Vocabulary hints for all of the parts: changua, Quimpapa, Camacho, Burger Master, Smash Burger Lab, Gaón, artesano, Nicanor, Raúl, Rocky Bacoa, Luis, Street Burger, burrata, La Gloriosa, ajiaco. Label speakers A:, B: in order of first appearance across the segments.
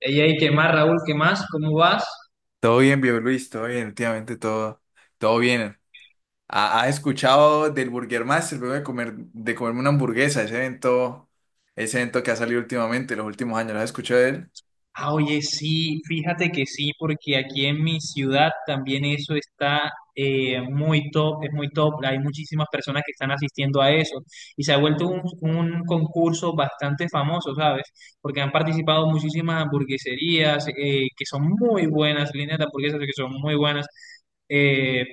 A: Ey, ey, ¿qué más, Raúl? ¿Qué más? ¿Cómo vas?
B: Todo bien, viejo Luis, todo bien, últimamente todo bien. ¿Has escuchado del Burger Master, luego de comerme una hamburguesa, ese evento que ha salido últimamente, los últimos años, lo has escuchado de él?
A: Ah, oye, sí, fíjate que sí, porque aquí en mi ciudad también eso está muy top, es muy top. Hay muchísimas personas que están asistiendo a eso y se ha vuelto un concurso bastante famoso, ¿sabes? Porque han participado muchísimas hamburgueserías que son muy buenas, líneas de hamburguesas que son muy buenas. Eh,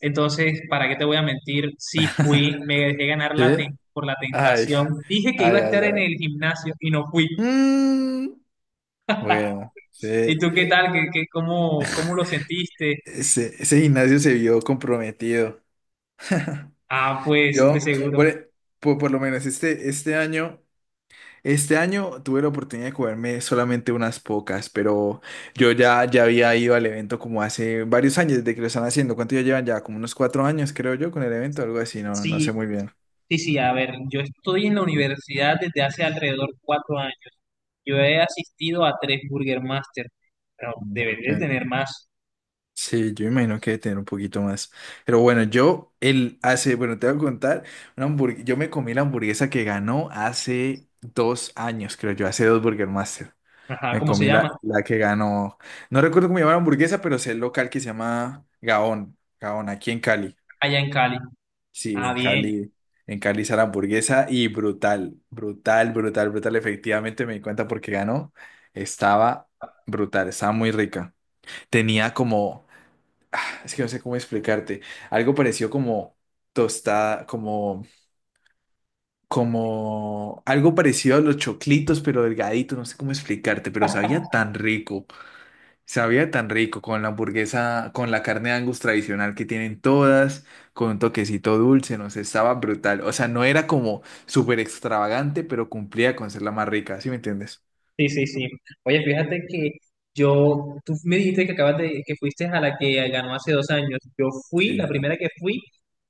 A: entonces, ¿para qué te voy a mentir? Sí fui, me dejé ganar
B: ¿Sí?
A: por la
B: Ay,
A: tentación. Dije que iba
B: ay,
A: a estar
B: ay,
A: en el
B: ay.
A: gimnasio y no fui.
B: Mm, bueno,
A: ¿Y
B: sí,
A: tú qué tal? ¿Cómo lo sentiste?
B: ese gimnasio se vio comprometido.
A: Ah, pues de
B: Yo,
A: seguro.
B: por, por lo menos este año. Este año tuve la oportunidad de comerme solamente unas pocas, pero yo ya había ido al evento como hace varios años, desde que lo están haciendo. ¿Cuánto ya llevan ya? Como unos 4 años, creo yo, con el evento, algo así, no, no
A: Sí,
B: sé muy bien.
A: sí, sí, a ver, yo estoy en la universidad desde hace alrededor 4 años. Yo he asistido a tres Burger Master, pero debes de
B: Ok.
A: tener más.
B: Sí, yo imagino que debe tener un poquito más. Pero bueno, bueno, te voy a contar, yo me comí la hamburguesa que ganó hace 2 años, creo yo, hace dos Burger Master.
A: Ajá,
B: Me
A: ¿cómo se
B: comí
A: llama?
B: la que ganó. No recuerdo cómo llamaba la hamburguesa, pero sé el local que se llama Gaón. Gaón, aquí en Cali.
A: Allá en Cali.
B: Sí,
A: Ah,
B: en
A: bien.
B: Cali. En Cali hizo la hamburguesa y brutal, brutal, brutal, brutal. Efectivamente me di cuenta porque ganó. Estaba brutal, estaba muy rica. Tenía como, es que no sé cómo explicarte, algo parecido como tostada, algo parecido a los choclitos, pero delgadito, no sé cómo explicarte, pero sabía tan rico. Sabía tan rico con la hamburguesa, con la carne de Angus tradicional que tienen todas, con un toquecito dulce, no sé, estaba brutal. O sea, no era como súper extravagante, pero cumplía con ser la más rica, ¿sí me entiendes?
A: Sí, sí, sí. Oye, fíjate que tú me dijiste que acabas de, que fuiste a la que ganó hace 2 años. Yo fui, la
B: Sí.
A: primera que fui,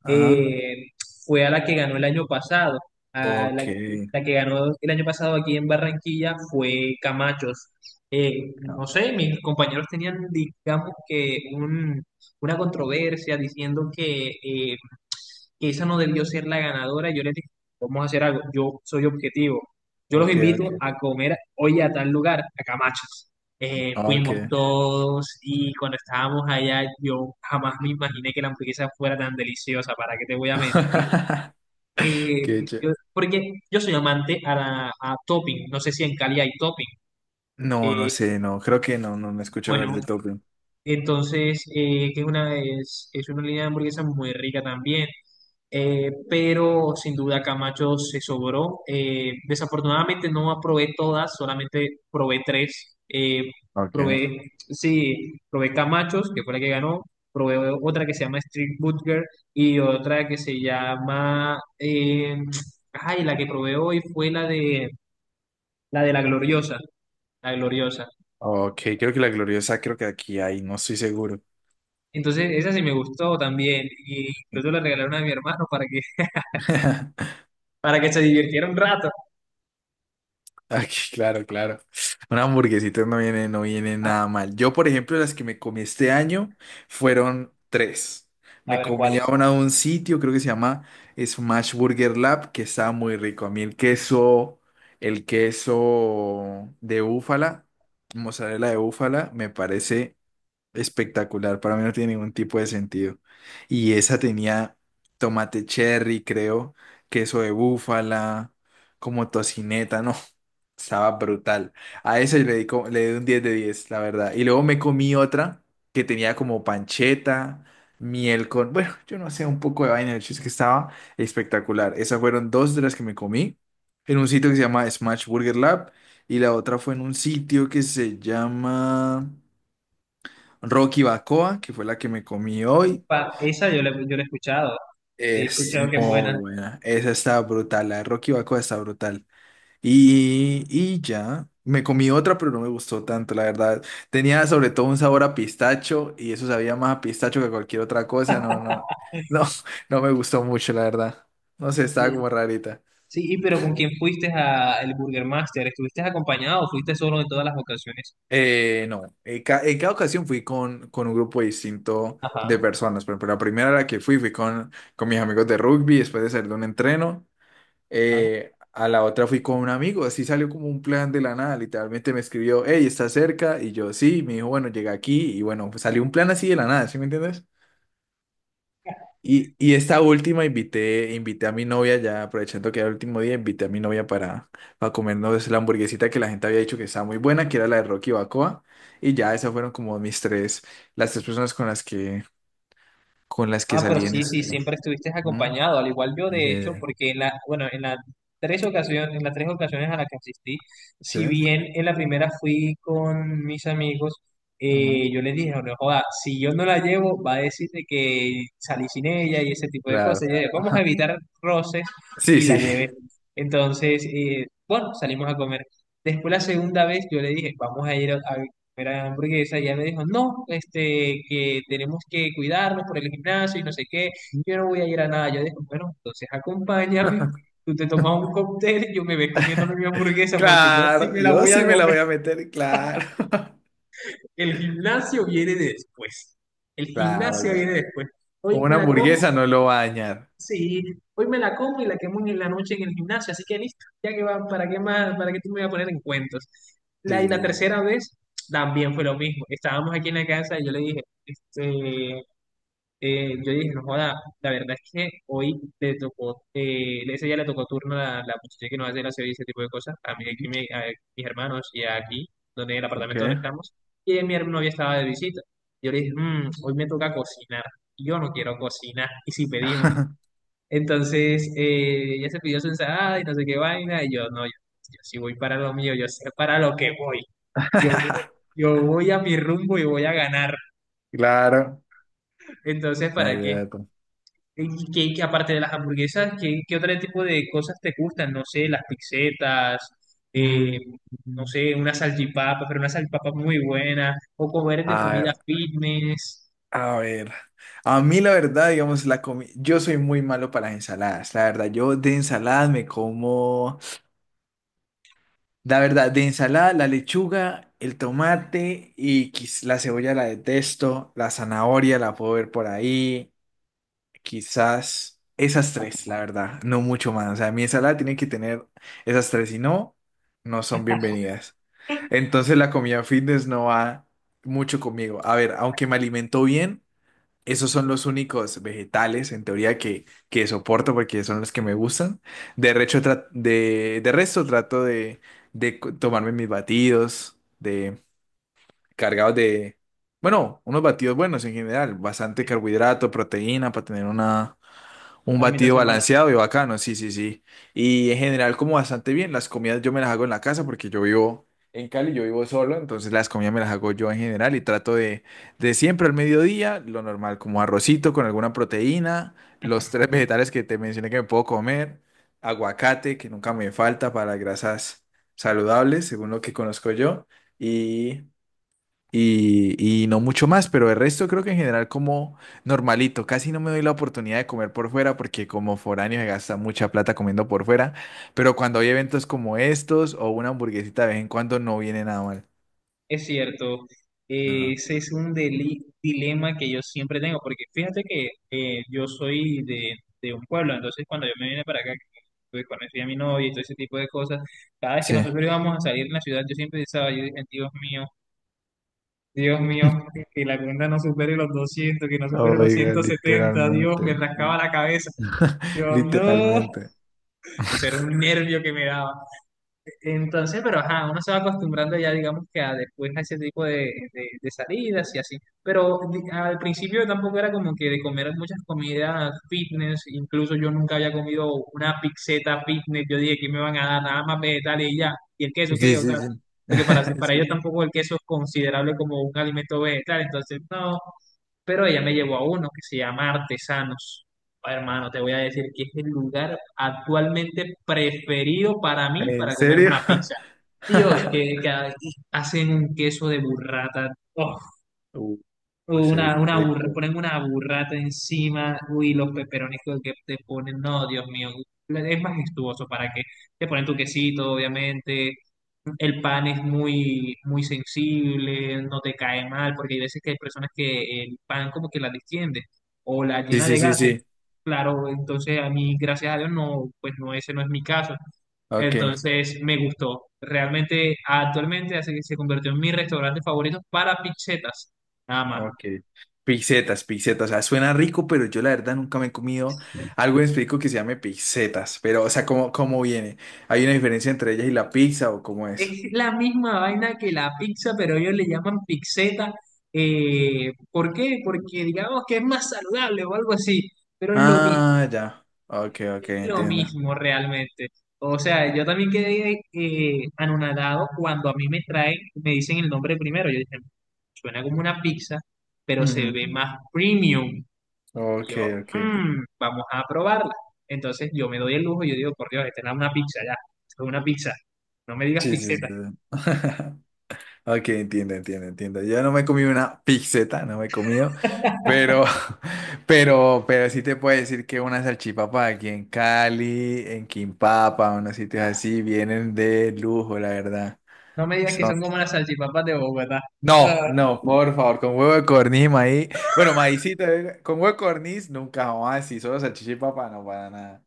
B: Ajá.
A: eh, fue a la que ganó el año pasado. A
B: Ok.
A: la, la que ganó el año pasado aquí en Barranquilla fue Camachos. Eh,
B: No.
A: no sé, mis compañeros tenían, digamos que una controversia diciendo que esa no debió ser la ganadora. Yo les dije, vamos a hacer algo, yo soy objetivo. Yo los
B: Ok,
A: invito
B: ok.
A: a comer hoy a tal lugar, a Camachos.
B: Ok.
A: Fuimos todos y cuando estábamos allá yo jamás me imaginé
B: Mm.
A: que la hamburguesa fuera tan deliciosa, ¿para qué te voy a mentir? Eh,
B: Qué ché-
A: porque yo soy amante a topping, no sé si en Cali hay topping.
B: No, no
A: Eh,
B: sé, no, creo que no, no me escuché hablar de
A: bueno,
B: Top Gun.
A: entonces, que es una línea de hamburguesa muy rica también. Pero sin duda Camacho se sobró. Desafortunadamente no probé todas, solamente probé tres.
B: Ok.
A: Sí, probé Camachos, que fue la que ganó. Probé otra que se llama Street Burger y otra que se llama... la que probé hoy fue la de la Gloriosa. La Gloriosa.
B: Ok, creo que la gloriosa, creo que aquí hay, no estoy seguro.
A: Entonces, esa sí me gustó también. Y incluso la regalaron a mi hermano para que, para que se divirtiera un rato.
B: Ay, claro, claro. Una hamburguesita no viene, no viene
A: A,
B: nada mal. Yo, por ejemplo, las que me comí este año fueron tres.
A: a
B: Me
A: ver
B: comí a
A: cuáles.
B: una de un sitio, creo que se llama Smash Burger Lab, que estaba muy rico. A mí el queso de búfala, mozzarella de búfala, me parece espectacular, para mí no tiene ningún tipo de sentido. Y esa tenía tomate cherry, creo, queso de búfala, como tocineta, no, estaba brutal. A esa yo le di, le di un 10 de 10 la verdad. Y luego me comí otra que tenía como pancheta, miel con, bueno, yo no sé, un poco de vaina, el chiste es que estaba espectacular. Esas fueron dos de las que me comí en un sitio que se llama Smash Burger Lab y la otra fue en un sitio que se llama... Rocky Bacoa, que fue la que me comí hoy,
A: Esa yo yo la he escuchado. He
B: es
A: escuchado que es
B: muy
A: buena.
B: buena. Esa está brutal, la de Rocky Bacoa está brutal. Y ya, me comí otra, pero no me gustó tanto, la verdad. Tenía sobre todo un sabor a pistacho y eso sabía más a pistacho que a cualquier otra cosa. No, no, no, no me gustó mucho, la verdad. No sé, estaba
A: Sí,
B: como rarita.
A: sí, y pero ¿con quién fuiste a el Burger Master? ¿Estuviste acompañado o fuiste solo en todas las ocasiones?
B: No, en, en cada ocasión fui con un grupo distinto
A: Ajá.
B: de personas. Por ejemplo, la primera a la que fui, fui con mis amigos de rugby después de salir de un entreno. A la otra fui con un amigo, así salió como un plan de la nada, literalmente me escribió, hey, ¿estás cerca? Y yo, sí, me dijo, bueno, llega aquí y bueno, pues salió un plan así de la nada, ¿sí me entiendes? Y esta última invité a mi novia ya, aprovechando que era el último día, invité a mi novia para comernos la hamburguesita que la gente había dicho que estaba muy buena, que era la de Rocky Bacoa, y ya esas fueron como mis tres, las tres personas con las que
A: Ah, pero
B: salí en
A: sí, sí,
B: este... ¿no?
A: siempre estuviste
B: Ujú.
A: acompañado, al igual yo de hecho, porque bueno, en las tres ocasiones a las que asistí,
B: Sí,
A: si
B: sí.
A: bien en la primera fui con mis amigos,
B: Ujú.
A: yo les dije, no no joda, si yo no la llevo, va a decir de que salí sin ella y ese tipo de
B: Claro.
A: cosas. Y yo, vamos a
B: Ajá.
A: evitar roces
B: Sí,
A: y la
B: sí.
A: llevé. Entonces, bueno, salimos a comer. Después la segunda vez yo le dije, vamos a ir a era hamburguesa, y ella me dijo, no, que tenemos que cuidarnos por el gimnasio y no sé qué, yo no voy a ir a nada. Yo dije, bueno, entonces acompáñame, tú te tomas un cóctel y yo me ves comiéndome mi hamburguesa porque yo sí
B: Claro,
A: me la
B: yo
A: voy
B: sí
A: a
B: me la
A: comer.
B: voy a meter, claro.
A: El gimnasio viene después, el
B: Claro,
A: gimnasio
B: claro.
A: viene después.
B: O
A: Hoy
B: una
A: me la
B: hamburguesa
A: como.
B: no lo va a dañar.
A: Sí, hoy me la como y la quemo en la noche en el gimnasio, así que listo, ya que va, ¿para qué más? ¿Para qué tú me vas a poner en cuentos?
B: Sí,
A: Y
B: sí,
A: la
B: sí.
A: tercera vez también fue lo mismo. Estábamos aquí en la casa y yo le dije, este, yo dije, no joda, la verdad es que hoy le tocó, ese día le tocó turno a la muchacha que nos hace la serie y ese tipo de cosas, a mí,
B: Ujú.
A: a mis hermanos y aquí, donde el
B: Ok.
A: apartamento donde estamos, y mi novia estaba de visita. Yo le dije, Hoy me toca cocinar, yo no quiero cocinar, y si pedimos. Entonces, ella se pidió su ensalada y no sé qué vaina, y yo, no, yo sí voy para lo mío, yo sé para lo que voy. Yo, yo voy a mi rumbo y voy a ganar.
B: Claro,
A: Entonces,
B: una
A: ¿para
B: idea.
A: qué?
B: de todo.
A: Y que aparte de las hamburguesas, ¿qué otro tipo de cosas te gustan? No sé, las pizzetas, eh,
B: Mm,
A: no
B: mm.
A: sé, una salchipapa, pero una salchipapa muy buena, o comer de comida
B: A,
A: fitness,
B: a ver, a mí la verdad, digamos, la comi yo soy muy malo para las ensaladas, la verdad, yo de ensaladas me como, la verdad, de ensalada la lechuga, el tomate y la cebolla la detesto, la zanahoria la puedo ver por ahí, quizás esas tres, la verdad, no mucho más. O sea, mi ensalada tiene que tener esas tres, si no, no son bienvenidas. Entonces la comida fitness no va mucho conmigo. A ver, aunque me alimento bien, esos son los únicos vegetales, en teoría, que soporto porque son los que me gustan. De resto trato de tomarme mis batidos, de cargados de, bueno, unos batidos buenos en general, bastante
A: eh,
B: carbohidrato, proteína para tener una un batido
A: alimentación para.
B: balanceado y bacano, sí, sí, sí. Y en general como bastante bien, las comidas yo me las hago en la casa porque yo vivo en Cali, yo vivo solo, entonces las comidas me las hago yo en general y trato de siempre al mediodía, lo normal, como arrocito con alguna proteína, los tres vegetales que te mencioné que me puedo comer, aguacate, que nunca me falta para grasas saludables, según lo que conozco yo, y y, y no mucho más, pero el resto creo que en general como normalito, casi no me doy la oportunidad de comer por fuera porque como foráneo se gasta mucha plata comiendo por fuera, pero cuando hay eventos como estos o una hamburguesita de vez en cuando no viene nada mal.
A: Es cierto,
B: No.
A: ese es un dilema que yo siempre tengo, porque fíjate que yo soy de un pueblo, entonces cuando yo me vine para acá, pues conocí a mi novia y todo ese tipo de cosas, cada vez que
B: Sí.
A: nosotros íbamos a salir en la ciudad, yo siempre pensaba, yo dije, Dios mío, que la cuenta no supere los 200, que no supere los
B: Oiga,
A: 170, Dios, me
B: literalmente.
A: rascaba
B: Sí.
A: la cabeza. Dios no,
B: Literalmente.
A: ese era un nervio que me daba. Entonces, pero ajá, uno se va acostumbrando ya, digamos que a después a ese tipo de salidas y así. Pero al principio tampoco era como que de comer muchas comidas fitness, incluso yo nunca había comido una pizzeta fitness, yo dije que me van a dar nada más vegetales y ya, y el queso qué,
B: Sí,
A: o
B: sí,
A: sea,
B: sí.
A: porque para
B: Sí.
A: ellos tampoco el queso es considerable como un alimento vegetal, entonces no, pero ella me llevó a uno que se llama artesanos. Hermano, te voy a decir que es el lugar actualmente preferido para mí
B: ¿En
A: para comerme
B: serio?
A: una pizza. Dios, que, que hacen un queso de burrata. Oh,
B: Uh, se oye rico.
A: ponen una burrata encima. Uy, los peperones que te ponen. No, Dios mío. Es majestuoso para que te ponen tu quesito, obviamente. El pan es muy, muy sensible, no te cae mal, porque hay veces que hay personas que el pan como que la distiende o la
B: Sí,
A: llena
B: sí,
A: de
B: sí,
A: gases.
B: sí.
A: Claro, entonces a mí, gracias a Dios, no, pues no, ese no es mi caso.
B: Ok.
A: Entonces me gustó. Realmente, actualmente hace que se convirtió en mi restaurante favorito para pizzetas, nada más.
B: Ok. Pizzetas, pizzetas. O sea, suena rico, pero yo la verdad nunca me he comido algo en específico que se llame pizzetas. Pero, o sea, ¿cómo viene? ¿Hay una diferencia entre ellas y la pizza o cómo es?
A: Es la misma vaina que la pizza, pero ellos le llaman pizzeta. ¿Por qué? Porque digamos que es más saludable o algo así, pero es lo mismo.
B: Ah, ya. Ok, ok,
A: Es lo
B: entiendo.
A: mismo realmente. O sea, yo también quedé anonadado cuando a mí me traen, me dicen el nombre primero. Yo dije, suena como una pizza, pero se
B: Ujú.
A: ve más premium.
B: Ok,
A: Yo,
B: ok.
A: "Mm, vamos a probarla. Entonces yo me doy el lujo y yo digo, por Dios, esta es una pizza ya, esto es una pizza. No me digas
B: Sí, sí, sí.
A: pizzetas,
B: Ok, entiendo, entiendo, entiendo. Yo no me he comido una pizzeta, no me he comido, pero, pero sí te puedo decir que una salchipapa aquí en Cali, en Quimpapa, unos sitios así, vienen de lujo, la verdad.
A: no me digas que
B: Son-
A: son como las salchipapas de Bogotá. Ah,
B: No, no, por favor, con huevo de corniz, maíz. Bueno, maízito, con huevo de corniz, nunca jamás, y solo salchichipapa, no, para nada,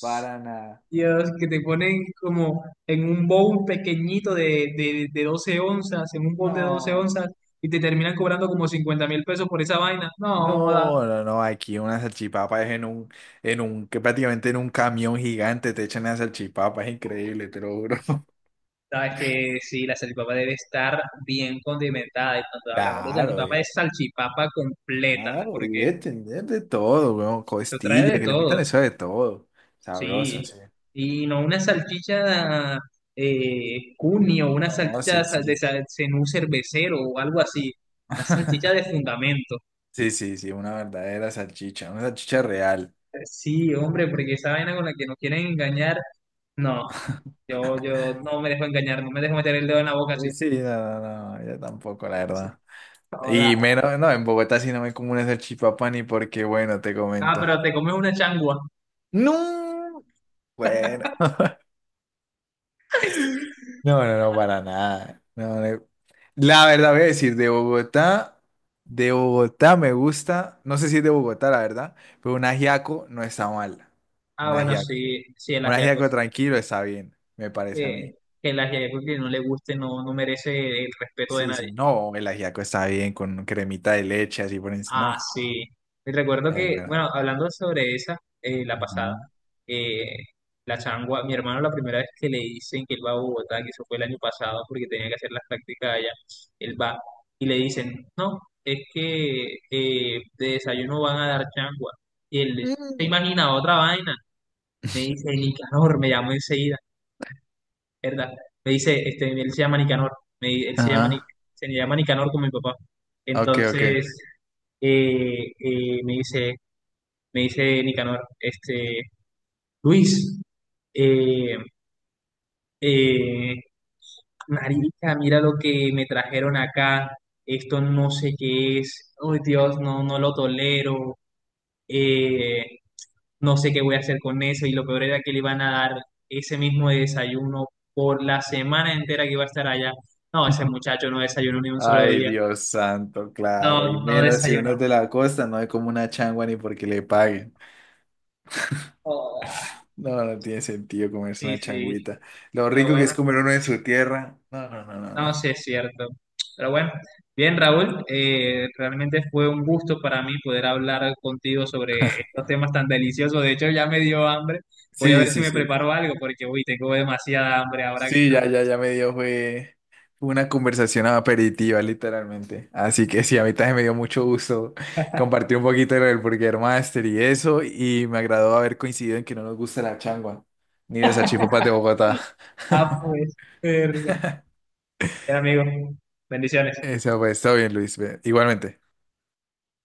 B: para nada.
A: Dios, que te ponen como en un bowl pequeñito de 12 onzas, en un bowl de 12
B: No.
A: onzas, y te terminan cobrando como 50.000 pesos por esa vaina. No,
B: No, no, no, aquí una salchipapa es en un, que prácticamente en un camión gigante te echan la salchipapa, es increíble, te lo juro.
A: sabes que sí, la salchipapa debe estar bien condimentada. Y cuando hablamos de
B: Claro,
A: salchipapa, es salchipapa completa,
B: claro,
A: porque
B: debe tener de todo, weón,
A: se trae
B: costilla,
A: de
B: que le
A: todo,
B: metan eso de todo, sabroso,
A: sí.
B: sí.
A: Y no una salchicha cuni o una
B: No,
A: salchicha de,
B: sí,
A: sa-
B: sí.
A: de sa- cenú cervecero o algo así. Una salchicha de fundamento.
B: Sí, sí, sí, una verdadera salchicha, una salchicha real.
A: Sí, hombre, porque esa vaina con la que nos quieren engañar, no, yo, no me dejo engañar, no me dejo meter el dedo en la boca así.
B: Sí, no, no, no, no, yo tampoco, la
A: Sí.
B: verdad.
A: Joda.
B: Y menos, no, en Bogotá sí no me como una salchipapa ni porque, bueno, te
A: Ah,
B: comento.
A: pero te comes una changua.
B: No, bueno. No, no, no, para nada. No, no. La verdad voy a decir, de Bogotá me gusta, no sé si es de Bogotá, la verdad, pero un ajiaco no está mal.
A: Ah,
B: Un
A: bueno,
B: ajiaco.
A: sí, sí, el
B: Un
A: ajiaco,
B: ajiaco
A: sí.
B: tranquilo está bien, me parece a
A: Eh,
B: mí.
A: que el ajiaco que no le guste no, no merece el respeto de
B: Sí,
A: nadie.
B: sí, no, el ajiaco está bien con cremita de leche, así por
A: Ah,
B: encima.
A: sí. Y recuerdo
B: No, es
A: que,
B: buena.
A: bueno, hablando sobre esa, la pasada,
B: Ujú.
A: eh, la changua, mi hermano la primera vez que le dicen que él va a Bogotá, que eso fue el año pasado porque tenía que hacer las prácticas allá, él va y le dicen, no, es que de desayuno van a dar changua. Y él se
B: Mm,
A: imagina otra vaina. Me dice, Nicanor, me llamó enseguida, ¿verdad? Me dice, este, él se llama Nicanor, me, di- él se llama, Nic-
B: ajá,
A: se llama Nicanor con mi papá.
B: ok, ok.
A: Entonces, eh, eh, me dice, me dice Nicanor, Luis, eh, eh, marica, mira lo que me trajeron acá, esto no sé qué es, oh Dios, no, no lo tolero, eh, no sé qué voy a hacer con eso, y lo peor era que le iban a dar ese mismo desayuno por la semana entera que iba a estar allá. No, ese muchacho no desayunó ni un solo
B: Ay,
A: día,
B: Dios santo, claro. Y
A: no, no
B: menos si uno
A: desayunó.
B: es de la costa, no hay como una changua ni porque le paguen.
A: Joda.
B: No, no tiene sentido comerse
A: Sí,
B: una
A: sí,
B: changuita. Lo
A: pero
B: rico que es
A: bueno.
B: comer uno en su tierra. No, no, no, no,
A: No, sí
B: no.
A: es cierto. Pero bueno, bien, Raúl, realmente fue un gusto para mí poder hablar contigo sobre estos temas tan deliciosos. De hecho, ya me dio hambre. Voy a
B: Sí,
A: ver si
B: sí,
A: me
B: sí.
A: preparo algo porque, uy, tengo demasiada hambre ahora.
B: Sí, ya, ya, ya me dio fue una conversación aperitiva, literalmente. Así que sí, a mí también me dio mucho gusto compartir un poquito de lo del Burger Master y eso. Y me agradó haber coincidido en que no nos gusta la changua, ni las salchipapas de Bogotá.
A: Ah, pues, verga. Bien, amigo, bendiciones.
B: Eso pues, todo bien, Luis. Ve, igualmente.